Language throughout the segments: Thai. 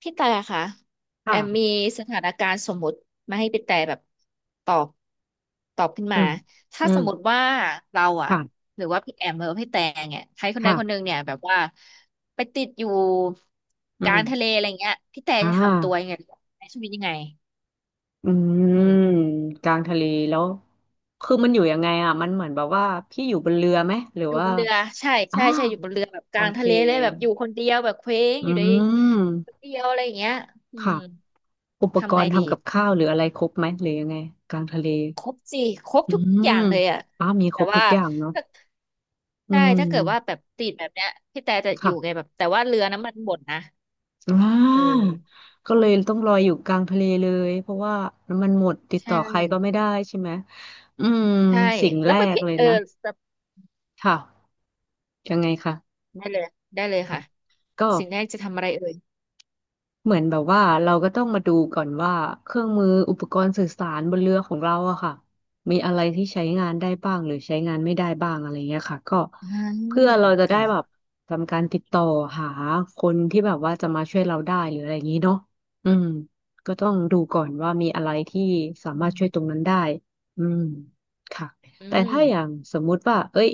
พี่แต่ค่ะแอมมีค่ะสถานการณ์สมมุติมาให้พี่แต่แบบตอบตอบขึ้นอืมามถ้าอืสมมมติว่าเราอะค่ะหรือว่าพี่แอมหรือว่าพี่แต่เนี่ยใครคนใดค่ะคนหนึ่งเนี่ยแบบว่าไปติดอยู่อืกลามงทะเลอะไรเงี้ยพี่แต่อ่จะทำตัวายังไงใช้ชีวิตยังไงอือืมมกลางทะเล แล้ว คือมันอยู่ยังไงอ่ะมันเหมือนแบบว่าพี่อยู่บนเรือไหม หรืออยู่ว่าบนเรือใช่อ้าใช่ใช่วอยู่บนเรือแบบกโอลางเคทะเลเลยแบบอยู่คนเดียวแบบเคว้งอือยู่ในคนมเดียวอะไรอย่างเงี้ยอืค่ะมอุปกทำไงรณ์ดี ทำกับข้าวหรืออะไรครบไหมหรือยังไงกลางทะเล ครบสิครบอืทุกอมย่างเลยอ่ะอ้าวมีคแต่รบทุว่ากอย่างเนาะถ้าอืใช่มถ้าเกิดว่าแบบติดแบบเนี้ยพี่แต่จะอยู่ไงค่ะ แบบแต่ว่าเรือน้ำมันหมดนะอ่เอาอก็เลยต้องลอยอยู่กลางทะเลเลยเพราะว่าน้ำมันหมดติดใช่ต่อใครก็ไม่ได้ใช่ไหม อืม ใช่สิ่งแล้แรวไปกพี่เลยเออนะสเตค่ะยังไงคะได้เลยได้เลยอ่ะค่ะก็ สิ่งแรกจะทำอะไรเอ่ยเหมือนแบบว่าเราก็ต้องมาดูก่อนว่าเครื่องมืออุปกรณ์สื่อสารบนเรือของเราอะค่ะมีอะไรที่ใช้งานได้บ้างหรือใช้งานไม่ได้บ้างอะไรเงี้ยค่ะก็อืเพื่อมเราจะได้ค่ะแบบทำการติดต่อหาคนที่แบบว่าจะมาช่วยเราได้หรืออะไรอย่างนี้เนาะอืมก็ต้องดูก่อนว่ามีอะไรที่สาอืมารถช่วยตรงมนั้นได้อืมค่ะอืแต่มถ้าอย่างสมมุติว่าเอ้ย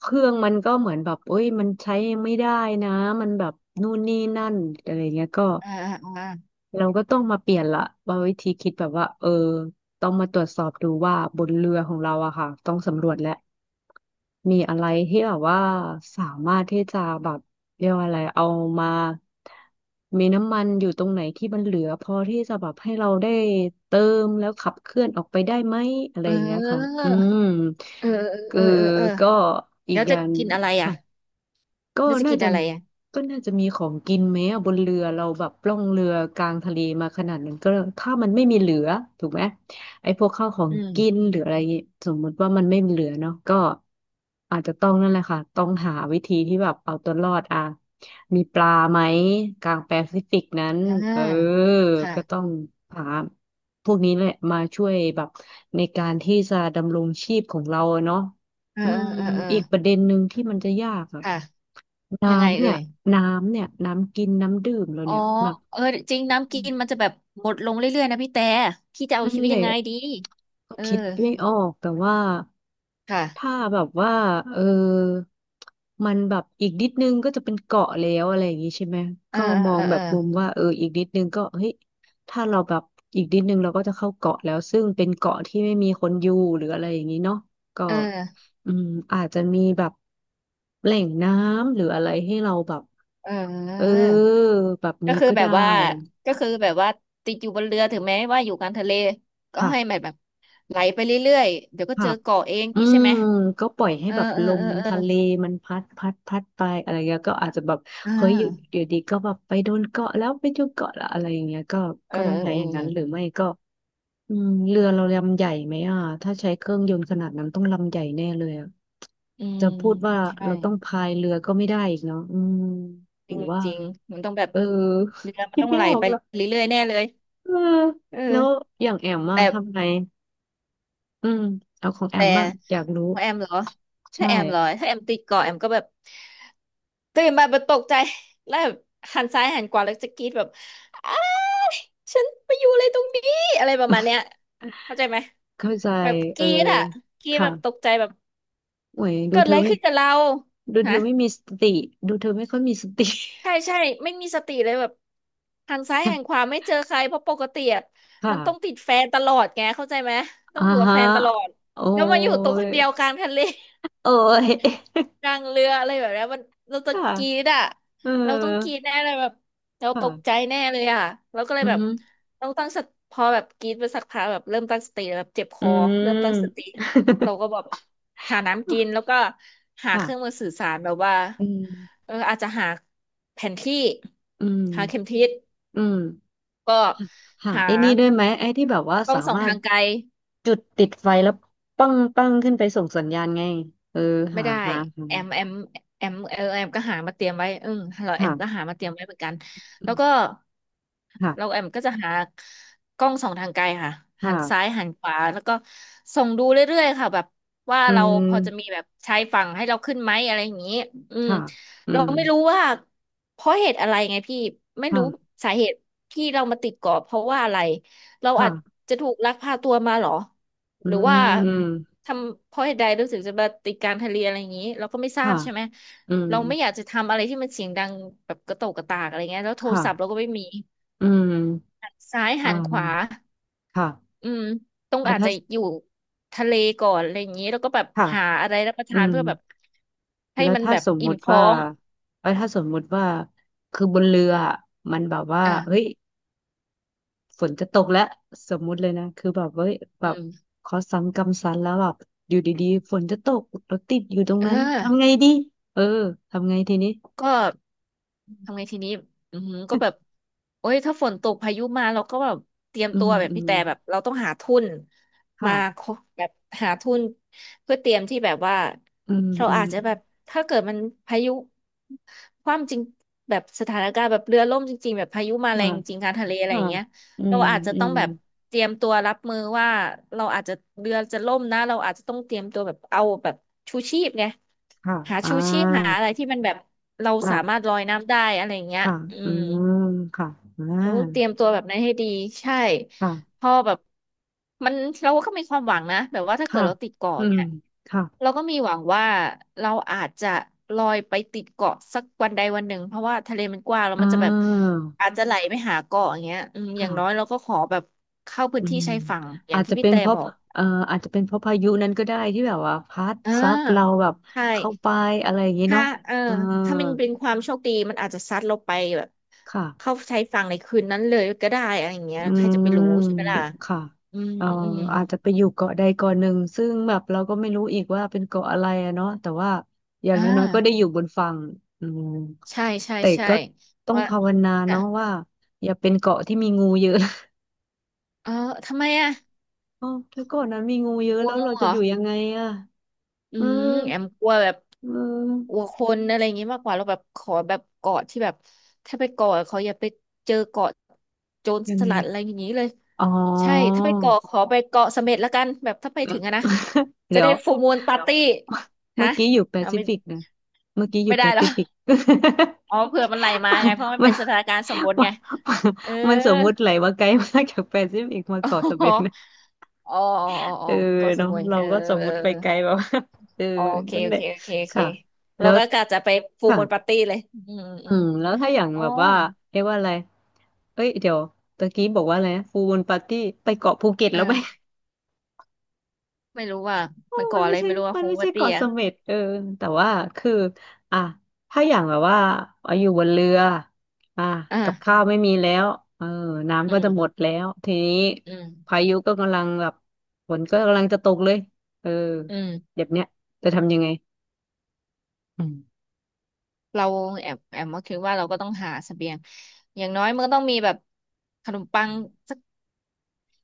เครื่องมันก็เหมือนแบบเอ้ยมันใช้ไม่ได้นะมันแบบนู่นนี่นั่นอะไรเงี้ยก็ อ่าอ่าอ่าเราก็ต้องมาเปลี่ยนละว่าวิธีคิดแบบว่าเออต้องมาตรวจสอบดูว่าบนเรือของเราอะค่ะต้องสำรวจและมีอะไรที่แบบว่าสามารถที่จะแบบเรียกว่าอะไรเอามามีน้ำมันอยู่ตรงไหนที่มันเหลือพอที่จะแบบให้เราได้เติมแล้วขับเคลื่อนออกไปได้ไหมอะไรเอย่างเงี้ยค่ะอออืมเออคืเอออเออเออเออก็อีแล้กวอจะย่างกินอะไรอ่ะค่ะ ก็แล้วจะน่ากินจะอะไรอ่ะก็น่าจะมีของกินไหมอะบนเรือเราแบบล่องเรือกลางทะเลมาขนาดนั้นก็ถ้ามันไม่มีเหลือถูกไหมไอ้พวกข้าวของอืมกินหรืออะไรอย่างงี้สมมติว่ามันไม่มีเหลือเนาะก็อาจจะต้องนั่นแหละค่ะต้องหาวิธีที่แบบเอาตัวรอดอ่ะมีปลาไหมกลางแปซิฟิกนั้นอ่เออาค่ะก็ต้องหาพวกนี้แหละมาช่วยแบบในการที่จะดำรงชีพของเราอะเนาะเอออืมเออเออเอออีกประเด็นหนึ่งที่มันจะยากอะ ค่ะยังไงน้ำเนี่เอ่ยย น้ำกินน้ำดื่มเราอ๋อเนี่ยแบบเออจริงอืน้ำกิม นมันจะแบบหมดลงเรื่อยๆนะพี่แต่พี่จะเอานั่นชีวิตแหยัละงไงดีก็เออคิดไม่ออกแต่ว่าค่ะถ้าแบบว่าเออมันแบบอีกนิดนึงก็จะเป็นเกาะแล้วอะไรอย่างงี้ใช่ไหมเออก็มอเองอแบเอบอมุมว่าเอออีกนิดนึงก็เฮ้ยถ้าเราแบบอีกนิดนึงเราก็จะเข้าเกาะแล้วซึ่งเป็นเกาะที่ไม่มีคนอยู่หรืออะไรอย่างนี้เนาะก็เอออืมอาจจะมีแบบแหล่งน้ำหรืออะไรให้เราแบบเออเออเออแบบก็นี้คือก็แบได้บว่าก็คือแบบว่าติดอยู่บนเรือถึงแม้ว่าอยู่กลางทะเลก็ให้มัค่ะ นแบบไหลไปเรื่อยๆเดี๋ยวก็ครัเจอบเกาะเองอืนี้ใช่มไหมก็ปล่อยให้เออแบบเออลเอมอเออทะเลมันพัดพัดไปอะไรเงี้ยก็อาจจะแบบอ่เฮ้ยอยู่าอยู่ดีก็แบบไปโดนเกาะแล้วไปโดนเกาะแล้วอะไรอย่างเงี้ยก็เอก็อต้องเออใช้เออย่างนั้นหรืออไม่ก็อืมเรือเราลำใหญ่ไหมอ่ะถ้าใช้เครื่องยนต์ขนาดนั้นต้องลำใหญ่แน่เลยอ่ะอืมจะพูดว่าใช่เราต้องพายเรือก็ไม่ได้อีกเนาะอืมหจรืริองว่าจริงมันต้องแบบเออ เรือ มันคิดต้องไม่ไหลออกไปแล้วเรื่อยๆแน่เลยเออเอแล้วออย่างแอมอะแต่ ทำไงอืมเอาของแอแต่มบ้างอยากรู้ของแอมเหรอใช่ ถ้าแอมเหรอถ้าแอมติดเกาะแอมก็แบบตื่นมาแบบตกใจแล้วแบบหันซ้ายหันขวาแล้วจะกรีดแบบอ้ายฉันไปอยู่อะไรตรงนี้อะไรประมาณเนี้ยเข้าใจไหมเข้าใจแบบกเอรีอดอ่ะกรีดแบค่ะบตกใจแบบโอ้ยดูเกิดเธอะไรอไม่ขึ้นกับเราดูเธฮะอไม่มีสติดูเธอไม่ค่อยมีสติ ใช่ใช่ไม่มีสติเลยแบบหันซ้ายหั นขวาไม่เจอใครเพราะปกติอะมันต้องค่ะติดแฟนตลอดไงเข้าใจไหมต้ออ่างอยู่กับฮะแฟนตลอดโอ้แล้วมาอยู่ตัวคยนเดียวกลางทะเล โอ้ย กลางเรืออะไรแบบเนี้ยมันเรา จะค่ะกรี๊ดอ่ะเออเราต้องกรี๊ดแน่เลยแบบเราตกใจค่ะแน่เลยอ่ะเราก็เลอืยแบบมต้องตั้งสติพอแบบกรี๊ดไปสักพักแบบเริ่มตั้งสติแบบเจ็บคอือเริ่มตั้งสติม เราก็แบบหาน้ำกิน แล้วก็หาเครื่องมืค่ะอสื่อสารแบบว่าอืมอาจจะหาแผนที่อืหาเข็มมทิศอืมก็หาหาไอ้นี่ด้วยไหมไอ้ที่แบบว่ากล้อสางส่องมารทาถงไกล จุดติดไฟแล้วปั้งขึ้นไปส่งสัญญาณไงเออไม่หาได้หาหาแอมแอมแอมก็หามาเตรียมไว้อืมเราแอมก็ค่ะหามาเตรียมไว้เหมือนกันอืแล้วก็มเราค่ะแอมก็จะหากล้องส่องทางไกลค่ะหันซ้ายค่ะ หันขวาแล้วก็ส่องดูเรื่อยๆค่ะแบบว่าอืเราพอจะมีมแบบชายฝั่งให้เราขึ้นไหมอะไรอย่างนี้อืมค่ะอืเรามไม่รู้ว่าเพราะเหตุอะไรไงพี่ไม่รู้ค่ะสาเหตุที่เรามาติดเกาะเพราะว่าอะไรเราอาจค่ะจะถูกลักพาตัวมาเหรออืหรือว่า มทำเพราะเหตุใดเราถึงจะมาติดการทะเลอะไรอย่างนี้เราก็ไม่ทราบค่ะใช่ไหมอืมเราไม่อยากจะทำอะไรที่มันเสียงดังแบบกระโตกกระตากอะไรเงี้ยแล้วโทรค่ะศัพท์เราก็ไม่มีอืมซ้ายหัอ่านขวาค่ะอืมต้องอ่าอาจถ้าจะอยู่ทะเลก่อนอะไรอย่างนี้แล้วก็แบบค่ะหาอะไรรับประอืทานมเพื่อแบบให้แล้วมันถ้าแบบสมอิ่มุมติท้อว่างถ้าสมมุติว่า คือบนเรืออะมันแบบว่าเฮ้ยอ่าฝนจะตกแล้วสมมุติเลยนะคือแบบเฮ้ยแบอืบมขอสังกำสันแล้วแบบอยู่ดีๆฝนจะตกรถติดอยู่ตรงเออ นั้นทำไงดีเออทำไงทีนี้ก็ทำไงทีนี้อือหือก็แบบโอ้ยถ้าฝนตกพายุมาเราก็แบบเตรียมอืตัมวแบบอืพี่มแต่แบบเราต้องหาทุนมาค่ะคแบบหาทุนเพื่อเตรียมที่แบบว่าอืมเราอืม อาจจะแบบถ้าเกิดมันพายุคว่ำจริงแบบสถานการณ์แบบเรือล่มจริงๆแบบพายุมาแรค่ะงจริงกลางทะเลอะไรอค่ะย่างเงี้ย อืเรามอาจจะอืต้องมแบบเตรียมตัวรับมือว่าเราอาจจะเรือจะล่มนะเราอาจจะต้องเตรียมตัวแบบเอาแบบชูชีพไงค่ะหาอ่าชูชีพหาอะไรที่มันแบบเราสามารถค่ะลอยน้ำได้อะไรอย่างเงี้ยค่ะอือืม มค่ะอ่เราต้องเตรีายมตัวแบบนั้นให้ดีใช่ค่ะพอแบบมันเราก็มีความหวังนะแบบว่าถ้าเกิค่ะดเราติดเกาะอืมเนี่ยค่ะเราก็มีหวังว่าเราอาจจะลอยไปติดเกาะสักวันใดวันหนึ่งเพราะว่าทะเลมันกว้างแล้วอ่มันจะแบบาอาจจะไหลไปหาเกาะอย่างเงี้ยอืมอย่างน้อยเราค่ะก็ขอแบบเข้าพื้อืนที่มชายฝั่งอย่าอางจที่จะพี่เป็นแต่เพราะบอกเอ่ออาจจะเป็นเพราะพายุนั้นก็ได้ที่แบบว่าพัดอ่ซัดเราาแบบใช่ เข้าไปอะไรอย่างนี้ถ้าเนาะเออเออถ้ามันเป็นความโชคดีมันอาจจะซัดเราไปแบบค่ะ เข้าใช้ฝั่งในคืนนั้นเลยก็ได้อะไรอย่างเงี้ยอืใครจะไปรู้มใช่ไหมล่ะค่ะอืมเอ่ออืมอาจจะไปอยู่เกาะใดเกาะหนึ่งซึ่งแบบเราก็ไม่รู้อีกว่าเป็นเกาะอะไรอะเนาะแต่ว่าอย่างอ่าน้อยๆก็ได้อยู่บนฝั่งอืมใช่ใช่แต่ใช่ก็ต้องว่าภาวนาอ่ะเนาะว่าอย่าเป็นเกาะที่มีงูเยอะ เออทำไมอ่ะ อ๋อถ้าเกาะนั้นมีงูเยกอะลัวแล้วงูเราเหจะรอ อยู่ยังไงอะอืเออมแอมกลัวแบบเกออลัวคนอะไรอย่างงี้มากกว่าเราแบบขอแบบเกาะที่แบบถ้าไปเกาะเขาอย่าไปเจอเกาะโจรยังสไง ลัดอะไรอย่างงี้เลยอ๋อ ใช่ถ้าไปเกาะขอไปเกาะเสม็ดละกันแบบถ้าไปถึงอะนะ จะเดี๋ยได้ว ฟูลมูนปาร์ตี้ ฮะเมื่อกี้อยู่แปเอาซิไม่ฟิกนะเมื่อกี้อไม่ยู่แปได้เหรอซิฟิก อ๋อเผื่อมันไหลมาไงเพราะมั นมัเป็น นสถานการณ์สมบูร ณ์มัไงนเออมันสมมุติไหลว่าไกลมากจากแปซิฟิกมาเกาะสเปอ๋อน นะอ๋ออ๋ออ๋เอออเกาะสเนาะมุยเราเออก็สมเออ มุติไปไกลแบบ ว่าเออโอเคนั่นโอแหละเคโอเคโอเคค่ะแล้เราวก็กะจะไปฟูลค่ะมูนปาร์ตี้เลยอืมอือืมมแล้วถ้าอย่างอ๋อแบบว่าเรียกว่าอะไรเอ้ยเดี๋ยวตะกี้บอกว่าอะไรนะฟูลมูนปาร์ตี้ไปเกาะภูเก็ตแล้วไหม เออไม่รู้ว่าโอ้มันก่มัอนอะไม่ไรใช่ไม่รู้ว่ามันฟูลไม่มูนปาใช่ร์ตี้เกาะเสอ่ะม็ดเออแต่ว่าคือ อ่ะ ถ้าอย่างแบบว่าเอาอยู่บนเรืออ่ะกับข้าอ่าวไม่มีแล้วเอออืน้ำก็จะหมดมแล้ว ทีนี้อืมพายุก็กำลังแบบฝนก็กำลังจะตกเลยเอออืมแบบเนี้ยจะทำยังไง อืมเราแอบมาคิดว่าเราก็ต้องหาเสบียงอย่างน้อยมันก็ต้องมีแบบขนมปังสัก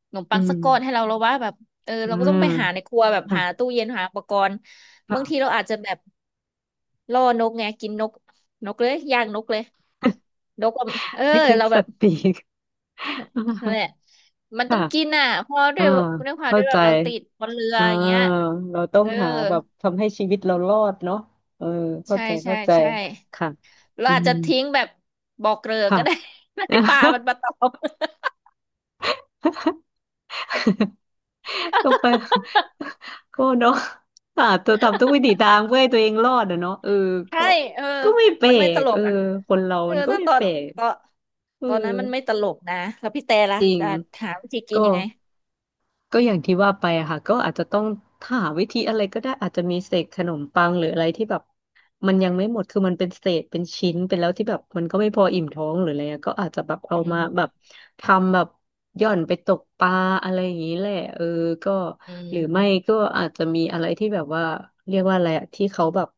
ขนมอืปังสัมกก้อนให้เราแล้วว่าแบบเอออืเราก็ต้อมงไปหาในครัวแบบค่ะหาตู้เย็นหาอุปกรณ์ค่ะ บางทีเราอาจจะแบบล่อนกไงกินนกนกเลยย่างนกเลย นกอะเออโอเคเราสแบบ ติก นั่นแห ละมันต้ค่ะองกินอ่ะ เพราะด้วอ่ายด้วยความเข้าด้วยใจ แบบเราติดบนเรืออ่าอย่างเงี้ย เราต้องเออ หาแบบทำให้ชีวิตเรารอดเนาะเออเข้าใช่ใจใช่เข้าใจ ใช่ค่ะ เราอือาจม จะทิ้งแบบบอกเกลือก็ได้ ค่ะ ไม่ให้ปลามันมาตอบ ก็ไป ก็เนาะค่ะตัวทำทุกวิถีทางเพื่อให้ตัวเองรอดอะเนาะเออ ใช่ก็เออไม่แปลมันไม่ตกลเอกออ่ะคนเราเออมันก็ถ้าไม่ตอแปนลกตอนเออตอนนั้นมันไม่ตลกนะ แล้วพี่แต่ล่ะจริงจะหาวิธีกิก็ นยังไง ก็อย่างที่ว่าไปอะค่ะก็อาจจะต้องหาวิธีอะไรก็ได้อาจจะมีเศษขนมปังหรืออะไรที่แบบมันยังไม่หมดคือมันเป็นเศษเป็นชิ้นเป็นแล้วที่แบบมันก็ไม่พออิ่มท้องหรืออะไรอะก็อาจจะแบบเอาอืมาแบบม ทำแบบหย่อนไปตกปลาอะไรอย่างนี้แหละเออก็อืหรือไม่ม ก็อาจจะมีอะไรที่แบบว่าเรียกว่าอะไรอะที่เขาแบบ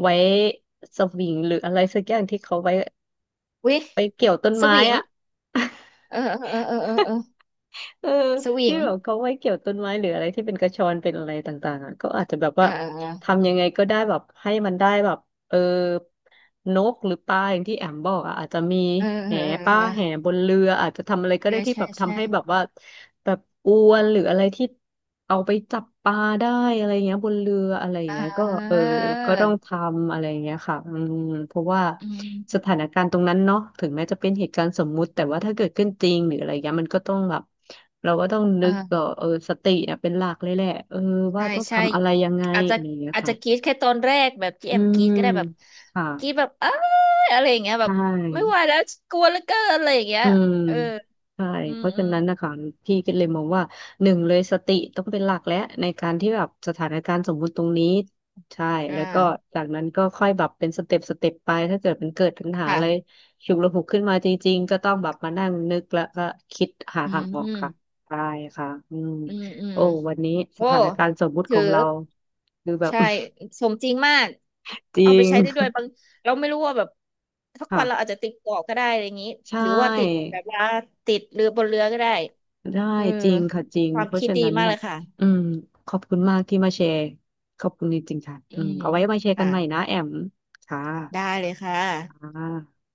ไว้สวิงหรืออะไรสักอย่างที่เขาไว้วิไปเกี่ยวต้นสไม้วิงอะ เออเออเออเออเออ เออสวิที่งแบบเขาไม่เกี่ยวต้นไม้หรืออะไรที่เป็นกระชอนเป็นอะไรต่างๆอ่ะก็อาจจะแบบเออว่าเออเทำยังไงก็ได้แบบให้มันได้แบบ เออนกหรือปลาอย่างที่แอมบอกอ่ะอาจจะมีออแหเออป้าเอแหอบนเรืออาจจะทำอะไรก็ได้ใช่ที่ใช่แบบใช่ทำให้แบบว่าแบบอวนหรืออะไรที่เอาไปจับปลาได้อะไรเงี้ยบนเรืออะไรอ่เงี้ยก็เออก็ต้องทา ำอะไรเงี้ยค่ะอืมเพราะว่าอืสมถานการณ์ตรงนั้นเนาะถึงแม้จะเป็นเหตุการณ์สมมุติแต่ว่าถ้าเกิดขึ้นจริงหรืออะไรเงี้ยมันก็ต้องแบบเราก็ต้องนึกก็อ่าเออสติเนี่ยเป็นหลักเลยแหละเออว่าใช่ต้องใช่ทำอะไรยังไงอาจจะอะไรเงี้ยอาจค่ะจะกรี๊ดแค่ตอนแรกแบบที่อืแอมกรี๊มดก็ได้แบบค่ะ กรี๊ดแบบอ้ายอะไรอย่างเงี้ยใชแบบไม่ไหว่แล้วกลัวเหลือเกินอะไรอย่างเงี้ยอืมเออใช่ อืมเพราะอืฉะมนั้นนะคะพี่ก็เลยมองว่าหนึ่งเลยสติต้องเป็นหลักและในการที่แบบสถานการณ์สมมุติตรงนี้ใช่อ่าแล้วก็จากนั้นก็ค่อยแบบเป็นสเต็ปสเต็ปไปถ้าเกิดมันเกิดปัญหาค่ะอะไรฉุกละหุกขึ้นมาจริงๆก็ต้องแบบมานั่งนึกแล้วก็คิดหาอืทามงอออืกมค่ะได้ค่ะอืมอืมอืมโอ้วันนี้สโอ้ถานการณ์สมมุติขถือองเราคือแบบ ใช่สมจริงมาก จริเอาไปงใช้ได้ด้วยบางเราไม่รู้ว่าแบบสักวันเราอาค่ะจจะติดเกาะก็ได้อะไรอย่างงี้ใช่ หรือว่าติดแบบว่าติดเรือบนเรือก็ได้ได้เออจริงค่ะจริงความเพราะคิดฉะดีนั้นมากแบเลบยค่ะ อืมขอบคุณมากที่มาแชร์ขอบคุณจริงๆค่ะอือืมมเอาไว้มาแชร์กัค่ะนใหม่นะแอมค่ะได้เลยค่ะอ่า